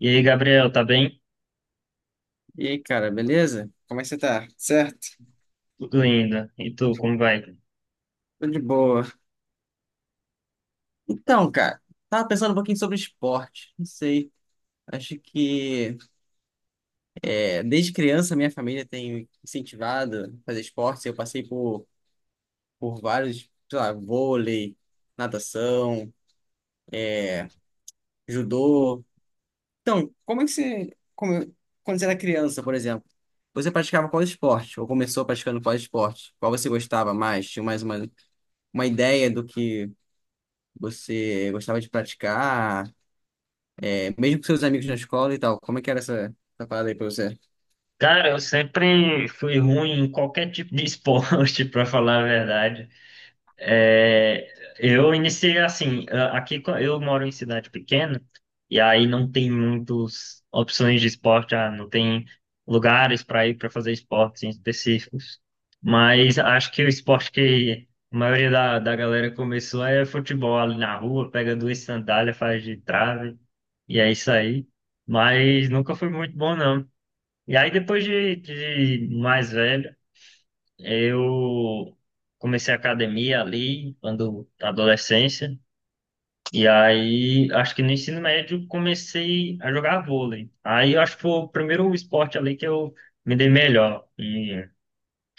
E aí, Gabriel, tá bem? E aí, cara, beleza? Como é que você tá? Certo? Tudo ainda. E tu, como vai? Tô de boa. Então, cara, tava pensando um pouquinho sobre esporte. Não sei. Acho que desde criança minha família tem incentivado a fazer esporte. Eu passei por vários, sei lá, vôlei, natação, judô. Então, como é que quando você era criança, por exemplo, você praticava qual esporte? Ou começou praticando qual esporte? Qual você gostava mais? Tinha mais uma ideia do que você gostava de praticar? Mesmo com seus amigos na escola e tal, como é que era essa parada aí pra você? Cara, eu sempre fui ruim em qualquer tipo de esporte, pra falar a verdade. É, eu iniciei assim, aqui eu moro em cidade pequena e aí não tem muitas opções de esporte, não tem lugares para ir para fazer esportes em específicos. Mas acho que o esporte que a maioria da galera começou é futebol ali na rua, pega duas sandálias, faz de trave e é isso aí. Mas nunca foi muito bom não. E aí de mais velho eu comecei a academia ali, quando na adolescência, e aí acho que no ensino médio comecei a jogar vôlei. Aí eu acho que foi o primeiro esporte ali que eu me dei melhor.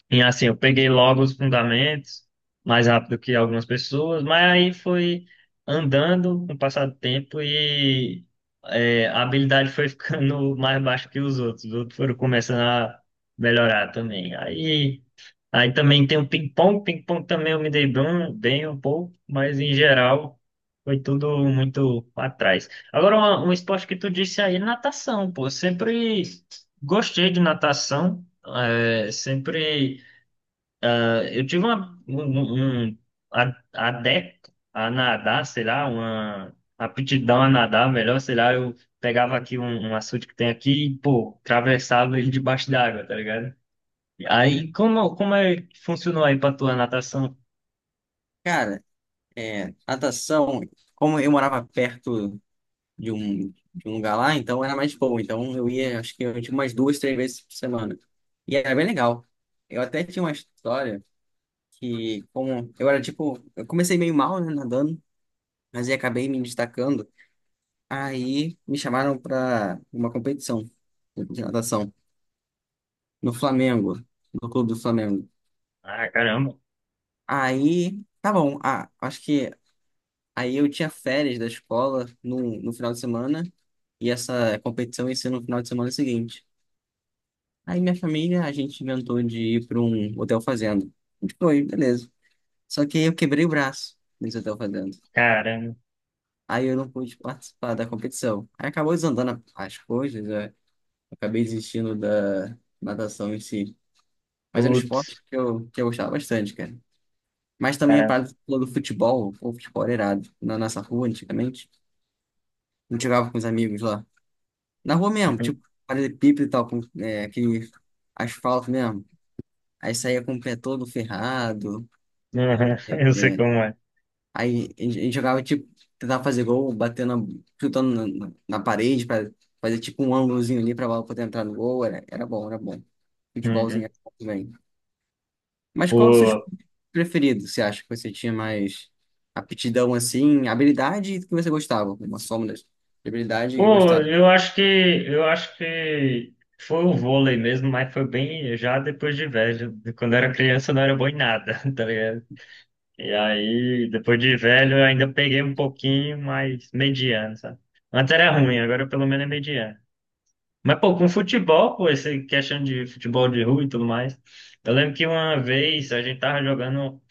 E assim, eu peguei logo os fundamentos, mais rápido que algumas pessoas, mas aí foi andando com o passar do tempo e a habilidade foi ficando mais baixa que os outros. Os outros foram começando a melhorar também. Aí. Aí também tem o ping-pong. Ping-pong também eu me dei bem um pouco, mas em geral foi tudo muito pra trás. Agora, esporte que tu disse aí, natação, pô. Sempre gostei de natação. é, sempre. Eu tive uma, um, um um a- adepto a nadar, sei lá, uma aptidão a nadar, melhor, sei lá. Eu pegava aqui um açude que tem aqui e, pô, atravessava ele debaixo d'água, tá ligado? Aí, como é que funcionou aí pra tua natação? Cara, é, natação, como eu morava perto de um, de um lugar lá, então era mais boa. Então eu ia, acho que eu tinha umas duas, três vezes por semana. E era bem legal. Eu até tinha uma história que, como eu era tipo, eu comecei meio mal, né, nadando, mas aí acabei me destacando. Aí me chamaram pra uma competição de natação no Flamengo, no Clube do Flamengo. Ah, caramba. Aí, tá bom. Ah, acho que aí eu tinha férias da escola no final de semana e essa competição ia ser no final de semana seguinte. Aí minha família, a gente inventou de ir para um hotel fazenda. A gente foi, beleza. Só que aí eu quebrei o braço nesse hotel fazenda. Caramba. Aí eu não pude participar da competição. Aí acabou desandando as coisas, né? Eu acabei desistindo da natação em si. Mas era um esporte Putz. que eu gostava bastante, cara. Mas também a Caramba. parte do futebol, o futebol era irado. Na nossa rua, antigamente, a gente jogava com os amigos lá. Na rua mesmo, Uhum. tipo, paralelepípedo e tal, com é, aquele asfalto mesmo. Aí saía com o pé todo ferrado. Uhum. Eu sei como é. Aí a gente jogava, tipo, tentava fazer gol, batendo, chutando na parede pra fazer, tipo, um ângulozinho ali pra bola poder entrar no gol. Era bom, era bom. Futebolzinho Uhum. era bom também. Mas qual dos seus Pô. preferidos? Você acha que você tinha mais aptidão, assim, habilidade e que você gostava? Uma soma das de habilidade e gostava. Eu acho que foi o vôlei mesmo, mas foi bem já depois de velho. Quando eu era criança eu não era bom em nada, tá ligado? E aí, depois de velho, eu ainda peguei um pouquinho, mas mediano, sabe? Antes era ruim, agora pelo menos é mediano. Mas, pô, com futebol, pô, essa questão de futebol de rua e tudo mais. Eu lembro que uma vez a gente tava jogando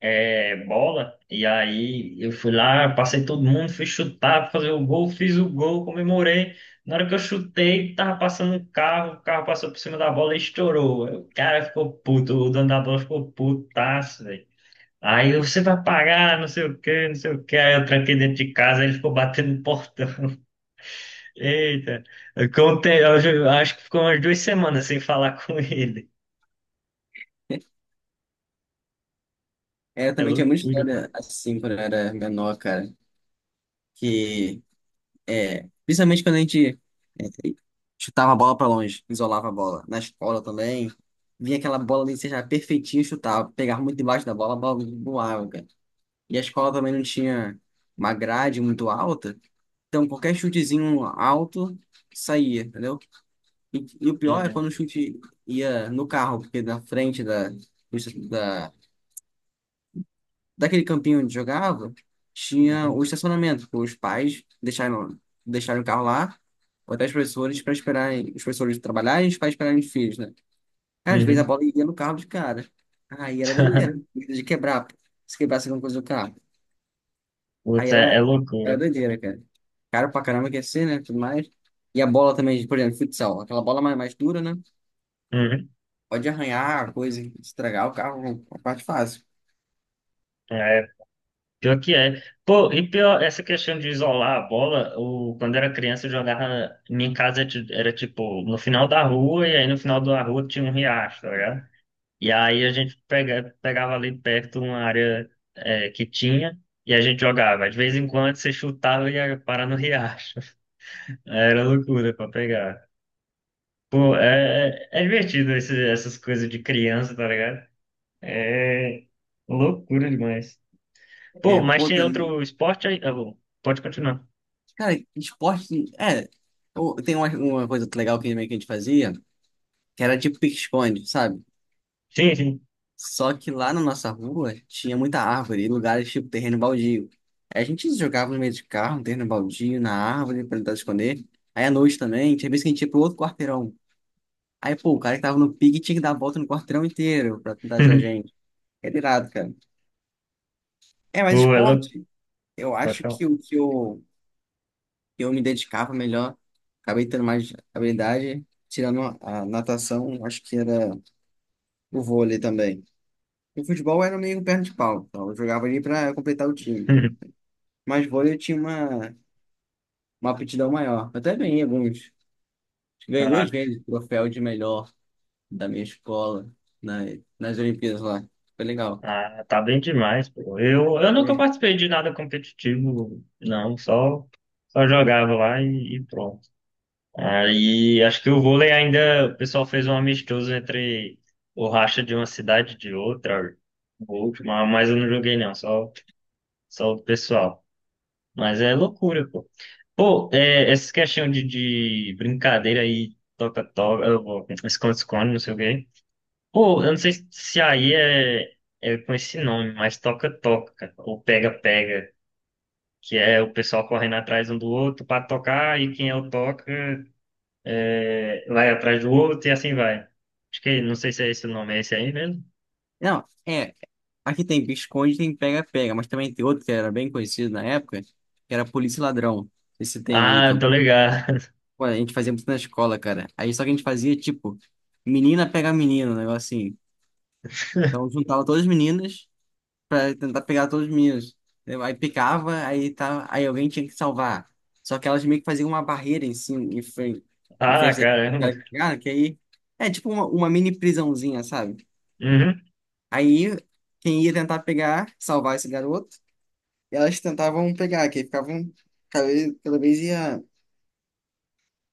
bola, e aí eu fui lá, passei todo mundo, fui chutar, fazer o gol, fiz o gol, comemorei. Na hora que eu chutei, tava passando um carro, o carro passou por cima da bola e estourou. Aí o cara ficou puto, o dono da bola ficou putaço, velho. Aí eu, você vai pagar, não sei o quê, não sei o quê. Aí eu tranquei dentro de casa, aí ele ficou batendo no portão. Eita. Acho que ficou umas duas semanas sem falar com ele. É, eu É também tinha muita loucura, pô. história assim quando eu era menor, cara. Que É, principalmente quando a gente chutava a bola pra longe, isolava a bola. Na escola também, vinha aquela bola ali, seja perfeitinho, chutava, pegava muito debaixo da bola, a bola voava, cara. E a escola também não tinha uma grade muito alta, então qualquer chutezinho alto saía, entendeu? E o É, pior é né? quando o chute ia no carro, porque na frente daquele campinho onde jogava, É. tinha o estacionamento, que os pais deixaram o carro lá, ou até os professores para esperarem, os professores trabalharem e os pais esperarem os filhos, né? Cara, às vezes a Uhum. bola ia no carro de cara. Aí era doideira, medo de quebrar, pô. Se quebrasse alguma coisa do carro. Aí Puta, era, é era loucura. doideira, cara. Caro pra caramba que ia ser, né? Tudo mais. E a bola também, por exemplo, futsal, aquela bola mais dura, né? Uhum. Pode arranhar a coisa, estragar o carro, a parte fácil. É, pior que é. Pô, e pior, essa questão de isolar a bola, o, quando era criança eu jogava, minha casa era tipo no final da rua, e aí no final da rua tinha um riacho, tá ligado? E aí a gente pegava ali perto uma área que tinha, e a gente jogava. De vez em quando você chutava e ia parar no riacho. É, era loucura pra pegar. Pô, é é divertido essas coisas de criança, tá ligado? É loucura demais. Pô, É, mas pô, tem outro esporte aí? Ah, bom, pode continuar. cara, esporte. É. Tem uma coisa legal que meio que a gente fazia, que era tipo pique-esconde, sabe? Sim, sim. Só que lá na nossa rua tinha muita árvore e lugares tipo terreno baldio. Aí a gente jogava no meio de carro, no terreno baldio, na árvore, pra tentar esconder. Aí à noite também, tinha vez que a gente ia pro outro quarteirão. Aí, pô, o cara que tava no pique tinha que dar a volta no quarteirão inteiro pra tentar achar a gente. É irado, cara. É, Pô, mas é louco. esporte, eu Pode acho falar. que o que eu me dedicava melhor, acabei tendo mais habilidade, tirando a natação, acho que era o vôlei também. O futebol era meio perna de pau, então eu jogava ali para completar o time. Mas vôlei eu tinha uma aptidão maior. Eu até ganhei alguns. Ganhei Ah, duas vezes o troféu de melhor da minha escola na, nas Olimpíadas lá. Foi legal. ah, tá bem demais, pô. Eu nunca Ganhei. participei de nada competitivo, não. Só, só jogava lá e pronto. Aí acho que o vôlei ainda, o pessoal fez um amistoso entre o racha de uma cidade e de outra, o último, mas eu não joguei não, só, só o pessoal. Mas é loucura, pô. Pô, é, essa questão de brincadeira aí, toca-toca, esconde-esconde, não sei o quê. Pô, eu não sei se aí é com esse nome, mas toca-toca, cara, ou pega-pega, que é o pessoal correndo atrás um do outro pra tocar e quem é o toca vai atrás do outro e assim vai. Acho que, não sei se é esse o nome, é esse aí mesmo? Não, é. Aqui tem pique-esconde, tem pega-pega, mas também tem outro que era bem conhecido na época, que era polícia e ladrão. Esse tem aí Ah, tô também. ligado. Pô, a gente fazia muito na escola, cara. Aí só que a gente fazia, tipo, menina pega menino, um negócio assim. Então juntava todas as meninas pra tentar pegar todos os meninos. Entendeu? Aí picava, aí, tá, aí alguém tinha que salvar. Só que elas meio que faziam uma barreira em cima, em frente, em Ah, frente daquele caramba. cara que pegava, que aí é tipo uma mini prisãozinha, sabe? Uhum, Aí quem ia tentar pegar, salvar esse garoto, elas tentavam pegar, que aí ficavam, cada vez, cada vez ia,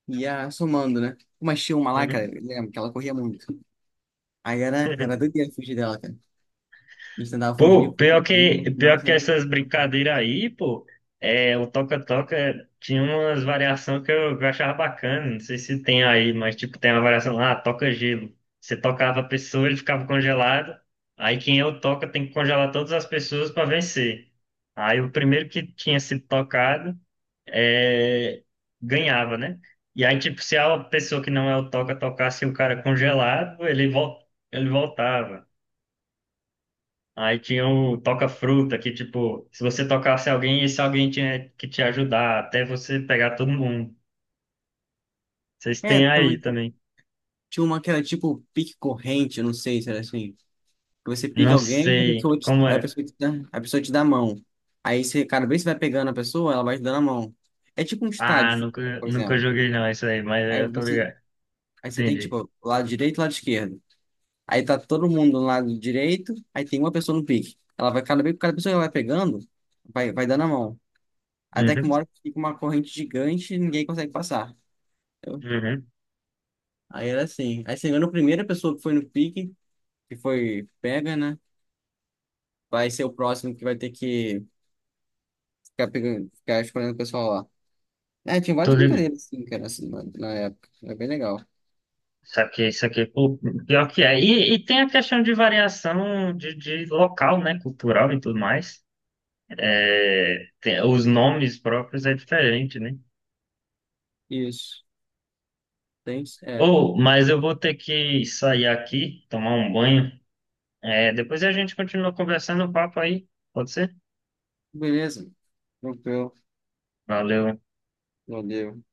ia somando, né? Uma tinha uma lá, cara, eu uhum. lembro que ela corria muito. Aí era doideira fugir dela, cara. A gente tentava Pô, fugir, fugir, fugir, mas no final pior que sempre. essas brincadeiras aí, pô, o toca-toca tinha umas variações que que eu achava bacana, não sei se tem aí, mas tipo, tem uma variação lá, toca gelo. Você tocava a pessoa, ele ficava congelado, aí quem é o toca tem que congelar todas as pessoas para vencer. Aí o primeiro que tinha sido tocado é, ganhava, né? E aí, tipo, se a pessoa que não é o toca tocasse o cara congelado, ele voltava. Aí tinha o toca-fruta, que, tipo, se você tocasse alguém, esse alguém tinha que te ajudar, até você pegar todo mundo. Vocês É, têm aí também também. tinha uma que era tipo pique corrente, eu não sei se era assim. Que você pica Não alguém e a sei pessoa te, como aí a era. pessoa te dá a mão. Aí você, cada vez que você vai pegando a pessoa, ela vai te dando a mão. É tipo um Ah, estádio, por nunca exemplo. joguei não, isso aí, mas Aí eu tô você, ligado. aí você tem Entendi. tipo lado direito e lado esquerdo. Aí tá todo mundo no lado direito, aí tem uma pessoa no pique. Ela vai, cada vez que cada pessoa que ela vai pegando, vai dando a mão. Até que Uhum, uma hora fica uma corrente gigante e ninguém consegue passar. Eu- uhum. Aí era assim. Aí, se não me engano, a primeira pessoa que foi no pique, que foi pega, né? Vai ser o próximo que vai ter que ficar pegando, ficar escolhendo o pessoal lá. É, tinha Tô várias ligado. brincadeiras assim, cara, assim, na época. Era bem legal. Saquei, saquei. Pô, pior que é. E tem a questão de variação de local, né? Cultural e tudo mais. É, os nomes próprios é diferente, né? Isso. Tem, é. Ou, mas eu vou ter que sair aqui, tomar um banho. É, depois a gente continua conversando o papo aí. Pode ser? Beleza. Tranquilo. Valeu. Valeu.